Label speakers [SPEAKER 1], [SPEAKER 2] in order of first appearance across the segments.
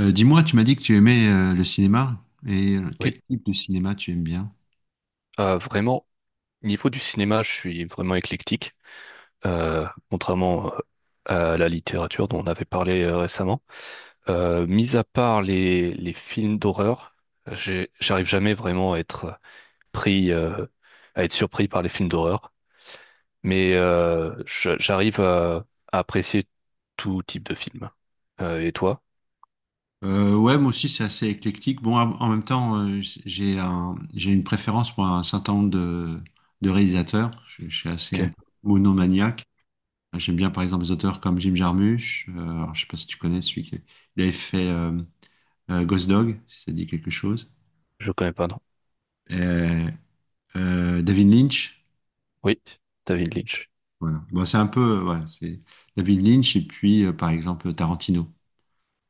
[SPEAKER 1] Dis-moi, tu m'as dit que tu aimais le cinéma. Et
[SPEAKER 2] Oui.
[SPEAKER 1] quel type de cinéma tu aimes bien?
[SPEAKER 2] Vraiment, niveau du cinéma, je suis vraiment éclectique, contrairement à la littérature dont on avait parlé récemment. Mis à part les films d'horreur, j'arrive jamais vraiment à être pris, euh, à être surpris par les films d'horreur, mais j'arrive à apprécier tout type de film. Et toi?
[SPEAKER 1] Ouais, moi aussi, c'est assez éclectique. Bon, en même temps, j'ai une préférence pour un certain nombre de réalisateurs. Je suis assez un
[SPEAKER 2] Ok,
[SPEAKER 1] peu monomaniaque. J'aime bien, par exemple, des auteurs comme Jim Jarmusch. Alors, je sais pas si tu connais celui qui il avait fait Ghost Dog, si ça dit quelque chose.
[SPEAKER 2] je connais pas, non.
[SPEAKER 1] Euh, David Lynch.
[SPEAKER 2] Oui, David Lynch,
[SPEAKER 1] Voilà. Bon, c'est un peu, voilà, c'est David Lynch et puis, par exemple, Tarantino.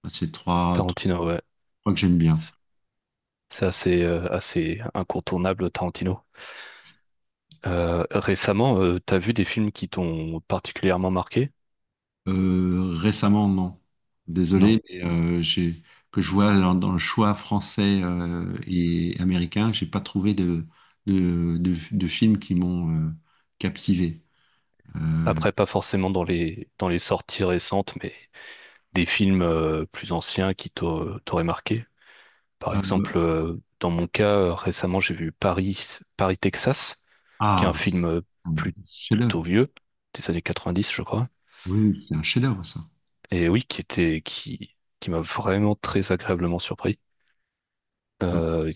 [SPEAKER 1] C'est trois,
[SPEAKER 2] Tarantino, ouais.
[SPEAKER 1] crois que j'aime
[SPEAKER 2] C'est
[SPEAKER 1] bien.
[SPEAKER 2] c'est assez, assez incontournable, Tarantino. Récemment, t'as vu des films qui t'ont particulièrement marqué?
[SPEAKER 1] Récemment, non.
[SPEAKER 2] Non.
[SPEAKER 1] Désolé, mais j'ai que je vois dans le choix français et américain, j'ai pas trouvé de de films qui m'ont captivé. Euh,
[SPEAKER 2] Après, pas forcément dans les sorties récentes, mais des films plus anciens qui t'auraient marqué. Par
[SPEAKER 1] euh,
[SPEAKER 2] exemple, dans mon cas, récemment, j'ai vu Paris, Texas, qui est un
[SPEAKER 1] ah,
[SPEAKER 2] film
[SPEAKER 1] c'est un
[SPEAKER 2] plus-
[SPEAKER 1] chef-d'œuvre.
[SPEAKER 2] plutôt vieux, des années 90, je crois.
[SPEAKER 1] Oui, oui, c'est un chef-d'œuvre ça.
[SPEAKER 2] Et oui, qui qui m'a vraiment très agréablement surpris.
[SPEAKER 1] Ah,
[SPEAKER 2] Euh,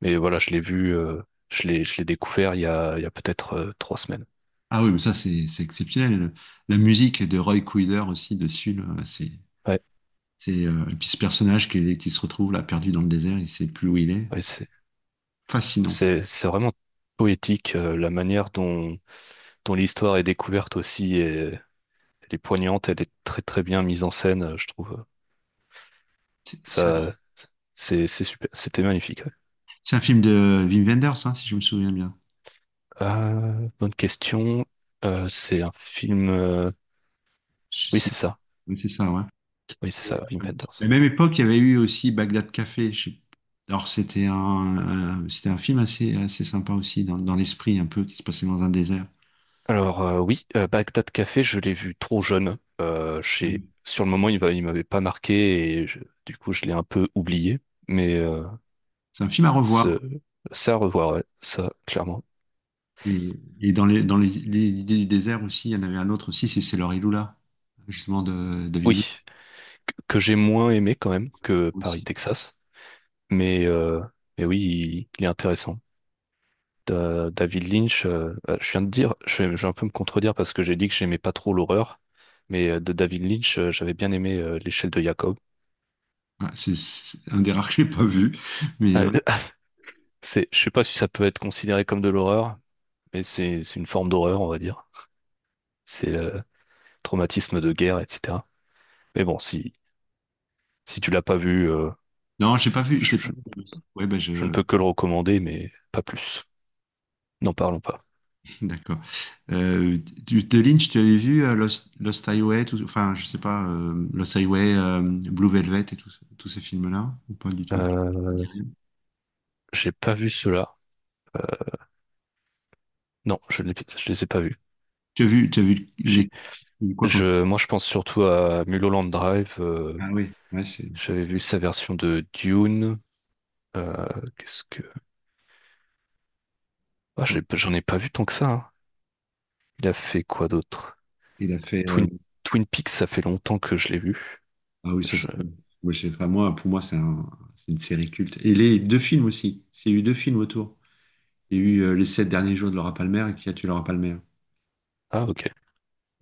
[SPEAKER 2] mais voilà, je l'ai vu, je l'ai découvert il y a peut-être trois semaines.
[SPEAKER 1] ah oui, mais ça c'est exceptionnel. La musique de Roy Cuiller aussi dessus, là,
[SPEAKER 2] Ouais.
[SPEAKER 1] c'est et puis ce personnage qui se retrouve là perdu dans le désert, il sait plus où il est.
[SPEAKER 2] Ouais,
[SPEAKER 1] C'est
[SPEAKER 2] c'est-
[SPEAKER 1] fascinant.
[SPEAKER 2] C'est vraiment poétique, la manière dont l'histoire est découverte aussi, et elle est poignante, elle est très très bien mise en scène, je trouve.
[SPEAKER 1] C'est c'est
[SPEAKER 2] Ça, c'est super, c'était magnifique, ouais.
[SPEAKER 1] C'est un film de Wim Wenders, hein, si je me souviens bien.
[SPEAKER 2] Bonne question. C'est un film.
[SPEAKER 1] Je-
[SPEAKER 2] Oui, c'est
[SPEAKER 1] si-
[SPEAKER 2] ça.
[SPEAKER 1] oui, c'est ça, ouais.
[SPEAKER 2] Oui, c'est ça, Wim
[SPEAKER 1] La
[SPEAKER 2] Wenders.
[SPEAKER 1] même époque, il y avait eu aussi Bagdad Café. Alors, c'était un film assez sympa aussi, dans l'esprit un peu, qui se passait dans un désert.
[SPEAKER 2] Alors oui, Bagdad Café, je l'ai vu trop jeune.
[SPEAKER 1] Oui.
[SPEAKER 2] Sur le moment, il m'avait pas marqué du coup, je l'ai un peu oublié. Mais
[SPEAKER 1] C'est un film à
[SPEAKER 2] ce...
[SPEAKER 1] revoir.
[SPEAKER 2] c'est à revoir, ouais, ça, clairement.
[SPEAKER 1] Et, l'idée du désert aussi, il y en avait un autre aussi, c'est Sailor et Lula, justement de David Lynch
[SPEAKER 2] Oui. Que j'ai moins aimé quand même que
[SPEAKER 1] aussi.
[SPEAKER 2] Paris-Texas. Mais, euh, mais oui, il est intéressant. David Lynch, je viens de dire, je vais un peu me contredire parce que j'ai dit que j'aimais pas trop l'horreur, mais de David Lynch, j'avais bien aimé L'échelle de Jacob.
[SPEAKER 1] Ouais, c'est un des rares que j'ai pas vu. Mais
[SPEAKER 2] Euh, c'est, je sais pas si ça peut être considéré comme de l'horreur, mais c'est une forme d'horreur, on va dire. C'est traumatisme de guerre, etc. Mais bon, si tu l'as pas vu,
[SPEAKER 1] non, j'ai pas vu, je
[SPEAKER 2] je,
[SPEAKER 1] l'ai pas
[SPEAKER 2] je
[SPEAKER 1] vu. Ouais, ben je,
[SPEAKER 2] je ne peux que le recommander, mais pas plus. N'en parlons pas.
[SPEAKER 1] D'accord. Euh, de Lynch, tu avais vu Lost Highway, enfin, je sais pas, Lost Highway, Blue Velvet et tous ces films-là, ou pas du tout? Ça te
[SPEAKER 2] Euh,
[SPEAKER 1] dit rien.
[SPEAKER 2] j'ai pas vu cela. Euh, Non, je ne les ai pas vus.
[SPEAKER 1] Tu as vu
[SPEAKER 2] J'ai-
[SPEAKER 1] quoi comme...
[SPEAKER 2] Moi, je pense surtout à Mulholland Drive.
[SPEAKER 1] Ah oui, ouais, c'est...
[SPEAKER 2] J'avais vu sa version de Dune. euh, qu'est-ce que... Ah,
[SPEAKER 1] Oh,
[SPEAKER 2] j'en ai pas vu tant que ça, hein. Il a fait quoi d'autre?
[SPEAKER 1] il a fait...
[SPEAKER 2] Twin, Twin Peaks, ça fait longtemps que je l'ai vu.
[SPEAKER 1] ah oui, ça
[SPEAKER 2] Je-
[SPEAKER 1] c'est... moi, je sais pas, moi, pour moi, c'est une série culte. Et les deux films aussi. Il y a eu deux films autour. Il y a eu Les Sept Derniers Jours de Laura Palmer et Qui a tué Laura Palmer.
[SPEAKER 2] Ah, ok.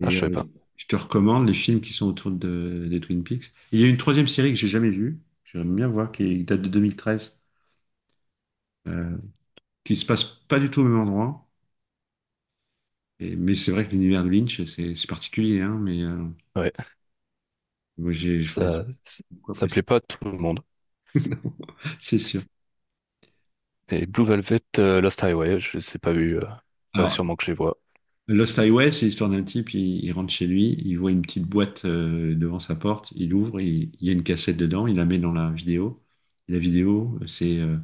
[SPEAKER 2] Ah, je savais pas.
[SPEAKER 1] je te recommande les films qui sont autour des Twin Peaks. Il y a une troisième série que j'ai jamais vue, que j'aimerais bien voir, qui date de 2013, euh, qui se passe pas du tout au même endroit. Et, mais c'est vrai que l'univers de Lynch, c'est particulier, hein, mais euh,
[SPEAKER 2] Ouais.
[SPEAKER 1] moi j'ai j'ai j'ai
[SPEAKER 2] Ça, ça,
[SPEAKER 1] beaucoup
[SPEAKER 2] ça plaît
[SPEAKER 1] apprécié,
[SPEAKER 2] pas à tout le monde.
[SPEAKER 1] c'est sûr.
[SPEAKER 2] Et Blue Velvet, Lost Highway, je les ai pas vus. Faudrait
[SPEAKER 1] Alors,
[SPEAKER 2] sûrement que je les vois.
[SPEAKER 1] Lost Highway, c'est l'histoire d'un type, il rentre chez lui, il voit une petite boîte devant sa porte, il ouvre, il y a une cassette dedans, il la met dans la vidéo. Et la vidéo,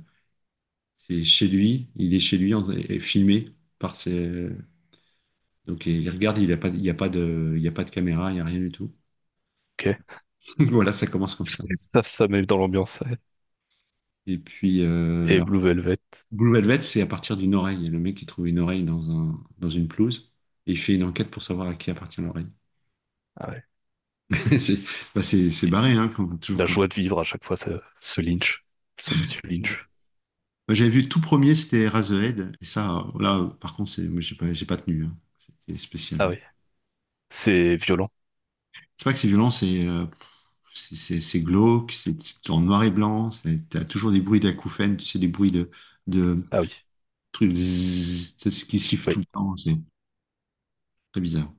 [SPEAKER 1] c'est chez lui, il est chez lui en- et filmé par ses, donc il regarde, il n'y a pas, il y a pas de, il y a pas de caméra, il n'y a rien du tout.
[SPEAKER 2] Ok.
[SPEAKER 1] Voilà, ça commence comme ça.
[SPEAKER 2] Ça met dans l'ambiance, ouais.
[SPEAKER 1] Et puis
[SPEAKER 2] Et Blue Velvet,
[SPEAKER 1] Blue Velvet, c'est à partir d'une oreille. Le mec qui trouve une oreille dans une pelouse et il fait une enquête pour savoir à qui appartient l'oreille.
[SPEAKER 2] ah ouais.
[SPEAKER 1] C'est bah, c'est
[SPEAKER 2] il-
[SPEAKER 1] barré, hein, comme, toujours
[SPEAKER 2] La
[SPEAKER 1] comme.
[SPEAKER 2] joie de vivre à chaque fois, ce Lynch, ce monsieur
[SPEAKER 1] Ouais.
[SPEAKER 2] Lynch.
[SPEAKER 1] Moi, j'avais vu le tout premier, c'était Eraserhead, et ça, là, par contre, c'est, moi, j'ai pas tenu, hein. C'était spécial,
[SPEAKER 2] Ah
[SPEAKER 1] hein.
[SPEAKER 2] oui, c'est violent.
[SPEAKER 1] C'est pas que c'est violent, c'est glauque, c'est en noir et blanc, c'est- t'as toujours des bruits d'acouphènes, tu sais, des bruits de,
[SPEAKER 2] Ah oui,
[SPEAKER 1] truc zzz, c'est ce qui siffle tout
[SPEAKER 2] oui.
[SPEAKER 1] le temps, c'est très bizarre.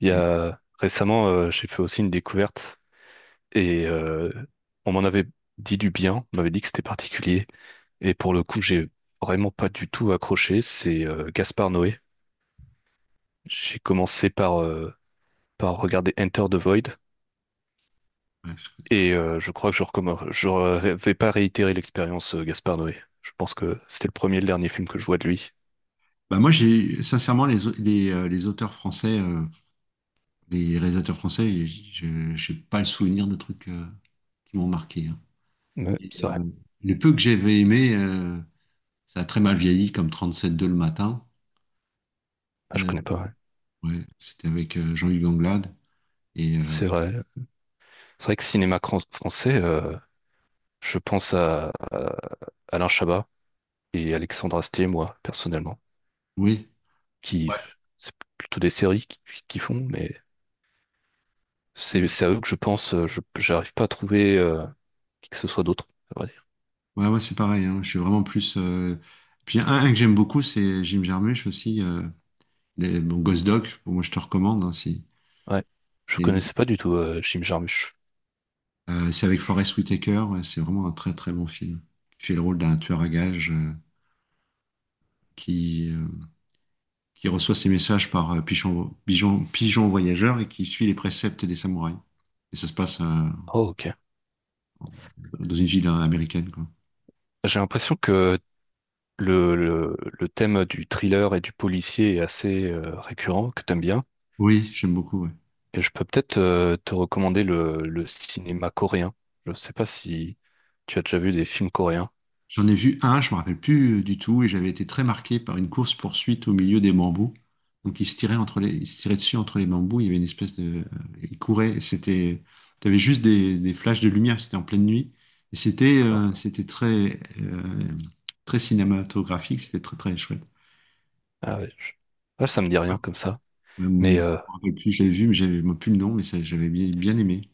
[SPEAKER 2] Il y
[SPEAKER 1] Et,
[SPEAKER 2] a récemment, j'ai fait aussi une découverte et on m'en avait dit du bien, on m'avait dit que c'était particulier. Et pour le coup, j'ai vraiment pas du tout accroché. C'est Gaspard Noé. J'ai commencé par par regarder Enter the Void.
[SPEAKER 1] ouais, je connais pas.
[SPEAKER 2] Et je crois que je recommence. Vais pas réitérer l'expérience Gaspard Noé. Je pense que c'était le premier et le dernier film que je vois de lui.
[SPEAKER 1] Bah, moi, j'ai sincèrement les auteurs français, les réalisateurs français, je n'ai pas le souvenir de trucs qui m'ont marqué, hein.
[SPEAKER 2] Mais
[SPEAKER 1] Et,
[SPEAKER 2] c'est vrai.
[SPEAKER 1] le peu que j'avais aimé, ça a très mal vieilli, comme 37.2 le matin.
[SPEAKER 2] Ah, je
[SPEAKER 1] Euh,
[SPEAKER 2] connais pas, ouais.
[SPEAKER 1] ouais, c'était avec Jean-Hugues Anglade. Et
[SPEAKER 2] C'est vrai. C'est vrai que français, je pense à Alain Chabat et Alexandre Astier, moi, personnellement,
[SPEAKER 1] oui,
[SPEAKER 2] qui
[SPEAKER 1] ouais,
[SPEAKER 2] c'est plutôt des séries qui font, mais c'est à eux que je pense. Je j'arrive pas à trouver qui que ce soit d'autre, à vrai dire.
[SPEAKER 1] ouais, c'est pareil, hein. Je suis vraiment plus. Euh, un que j'aime beaucoup, c'est Jim Jarmusch aussi. Les- Bon, Ghost Dog, moi je te recommande, hein,
[SPEAKER 2] Ouais. Je
[SPEAKER 1] et,
[SPEAKER 2] connaissais pas du tout Jim Jarmusch.
[SPEAKER 1] c'est avec Forest Whitaker, ouais, c'est vraiment un très bon film. Il fait le rôle d'un tueur à gages qui, euh, qui reçoit ses messages par pigeon voyageur et qui suit les préceptes des samouraïs. Et ça se passe
[SPEAKER 2] Oh, ok.
[SPEAKER 1] dans une ville américaine, quoi.
[SPEAKER 2] J'ai l'impression que le thème du thriller et du policier est assez récurrent, que t'aimes bien.
[SPEAKER 1] Oui, j'aime beaucoup, ouais.
[SPEAKER 2] Et je peux peut-être te recommander le cinéma coréen. Je sais pas si tu as déjà vu des films coréens.
[SPEAKER 1] J'en ai vu un, je me rappelle plus du tout, et j'avais été très marqué par une course-poursuite au milieu des bambous. Donc il se tirait dessus entre les bambous. Il y avait une espèce de, il courait, et c'était, t'avais juste des flashs de lumière. C'était en pleine nuit, et c'était,
[SPEAKER 2] Ah,
[SPEAKER 1] c'était très, très cinématographique. C'était très chouette.
[SPEAKER 2] ah ouais, je- ah,
[SPEAKER 1] Je
[SPEAKER 2] ça me dit
[SPEAKER 1] sais pas,
[SPEAKER 2] rien comme ça.
[SPEAKER 1] je
[SPEAKER 2] Mais
[SPEAKER 1] me rappelle plus, j'avais vu, mais j'avais moi, plus le nom, mais ça, j'avais bien aimé.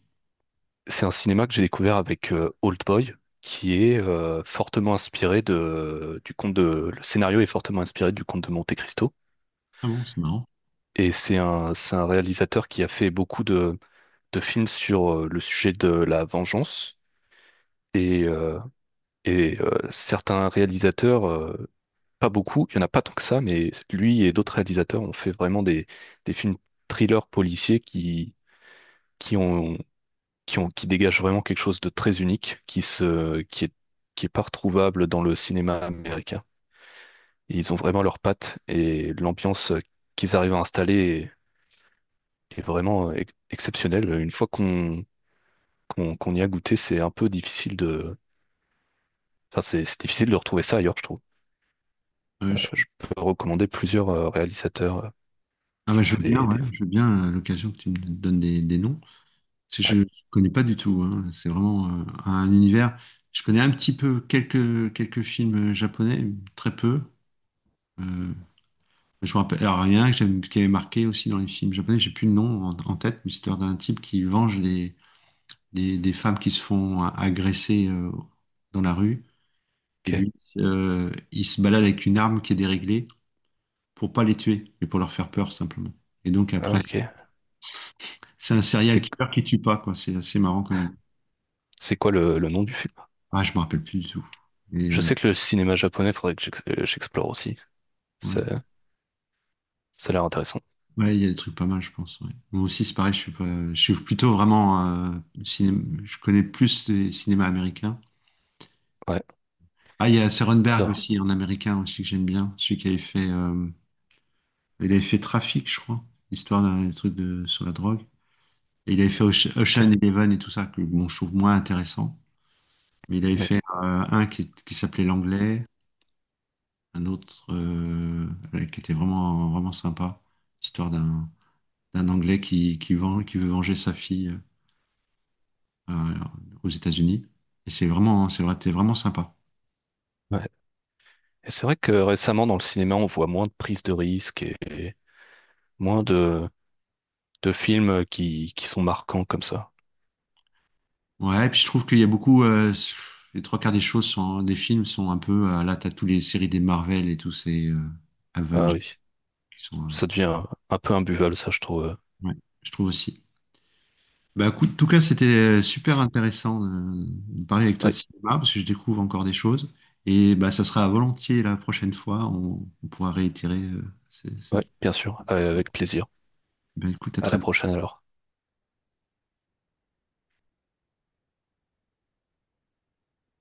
[SPEAKER 2] c'est un cinéma que j'ai découvert avec Old Boy, qui est fortement inspiré du conte le scénario est fortement inspiré du conte de Monte Cristo.
[SPEAKER 1] Ah bon, c'est marrant.
[SPEAKER 2] Et c'est c'est un réalisateur qui a fait beaucoup de films sur le sujet de la vengeance. Et, euh, certains réalisateurs, pas beaucoup, il y en a pas tant que ça, mais lui et d'autres réalisateurs ont fait vraiment des films thrillers policiers qui ont qui dégagent vraiment quelque chose de très unique, qui est pas retrouvable dans le cinéma américain. Et ils ont vraiment leurs pattes et l'ambiance qu'ils arrivent à installer est, est vraiment exceptionnelle. Une fois qu'on y a goûté, c'est un peu difficile enfin c'est difficile de retrouver ça ailleurs, je trouve.
[SPEAKER 1] Euh, je-
[SPEAKER 2] Je peux recommander plusieurs réalisateurs
[SPEAKER 1] Ah
[SPEAKER 2] qui
[SPEAKER 1] bah
[SPEAKER 2] ont
[SPEAKER 1] je
[SPEAKER 2] fait
[SPEAKER 1] veux bien, ouais,
[SPEAKER 2] des...
[SPEAKER 1] je veux bien l'occasion que tu me donnes des noms. Parce que je
[SPEAKER 2] ouais,
[SPEAKER 1] ne connais pas du tout, hein. C'est vraiment un univers. Je connais un petit peu quelques films japonais, très peu. Euh, je me rappelle. Alors, il y en a un qui avait marqué aussi dans les films japonais, j'ai plus le nom en tête, mais c'était d'un type qui venge des femmes qui se font agresser dans la rue. Et
[SPEAKER 2] ok,
[SPEAKER 1] lui, il se balade avec une arme qui est déréglée pour pas les tuer, mais pour leur faire peur simplement. Et donc
[SPEAKER 2] ah,
[SPEAKER 1] après,
[SPEAKER 2] ok.
[SPEAKER 1] c'est un serial
[SPEAKER 2] C'est
[SPEAKER 1] killer qui tue pas, quoi. C'est assez marrant comme idée.
[SPEAKER 2] c'est quoi le nom du film?
[SPEAKER 1] Ah, je me rappelle plus du tout. Et,
[SPEAKER 2] Je sais que le cinéma japonais, faudrait que j'explore aussi.
[SPEAKER 1] ouais,
[SPEAKER 2] Ça, ça a l'air intéressant.
[SPEAKER 1] ouais, il y a des trucs pas mal, je pense, ouais. Moi aussi, c'est pareil, je suis pas, je suis plutôt vraiment je connais plus les cinémas américains.
[SPEAKER 2] Ouais,
[SPEAKER 1] Ah, il y a
[SPEAKER 2] ouais,
[SPEAKER 1] Cronenberg
[SPEAKER 2] d'accord.
[SPEAKER 1] aussi, en américain aussi que j'aime bien, celui qui avait fait, il avait fait Trafic, je crois, histoire d'un truc de sur la drogue. Et il avait fait Ocean
[SPEAKER 2] Ok.
[SPEAKER 1] Eleven et tout ça, que bon, je trouve moins intéressant. Mais il avait
[SPEAKER 2] Mais,
[SPEAKER 1] fait un qui s'appelait L'Anglais, un autre ouais, qui était vraiment sympa, histoire d'un Anglais qui qui veut venger sa fille, euh, euh, aux États-Unis. Et c'est vraiment, hein, c'est vrai, c'était vraiment sympa.
[SPEAKER 2] ouais. Et c'est vrai que récemment, dans le cinéma, on voit moins de prises de risques et moins de films qui sont marquants comme ça.
[SPEAKER 1] Ouais, et puis je trouve qu'il y a beaucoup, les trois quarts des choses sont, des films sont un peu, là, t'as toutes les séries des Marvel et tous ces
[SPEAKER 2] Ah
[SPEAKER 1] Avengers
[SPEAKER 2] oui,
[SPEAKER 1] qui sont,
[SPEAKER 2] ça devient un peu imbuvable, ça, je trouve.
[SPEAKER 1] ouais, je trouve aussi. Bah, écoute, en tout cas, c'était super intéressant de parler avec toi
[SPEAKER 2] Oui,
[SPEAKER 1] de cinéma parce que je découvre encore des choses. Et bah, ça sera volontiers la prochaine fois, on pourra réitérer ces
[SPEAKER 2] ouais, ouais,
[SPEAKER 1] petites
[SPEAKER 2] bien sûr.
[SPEAKER 1] discussions.
[SPEAKER 2] Avec plaisir.
[SPEAKER 1] Bah, écoute, à
[SPEAKER 2] À
[SPEAKER 1] très
[SPEAKER 2] la
[SPEAKER 1] bientôt.
[SPEAKER 2] prochaine alors.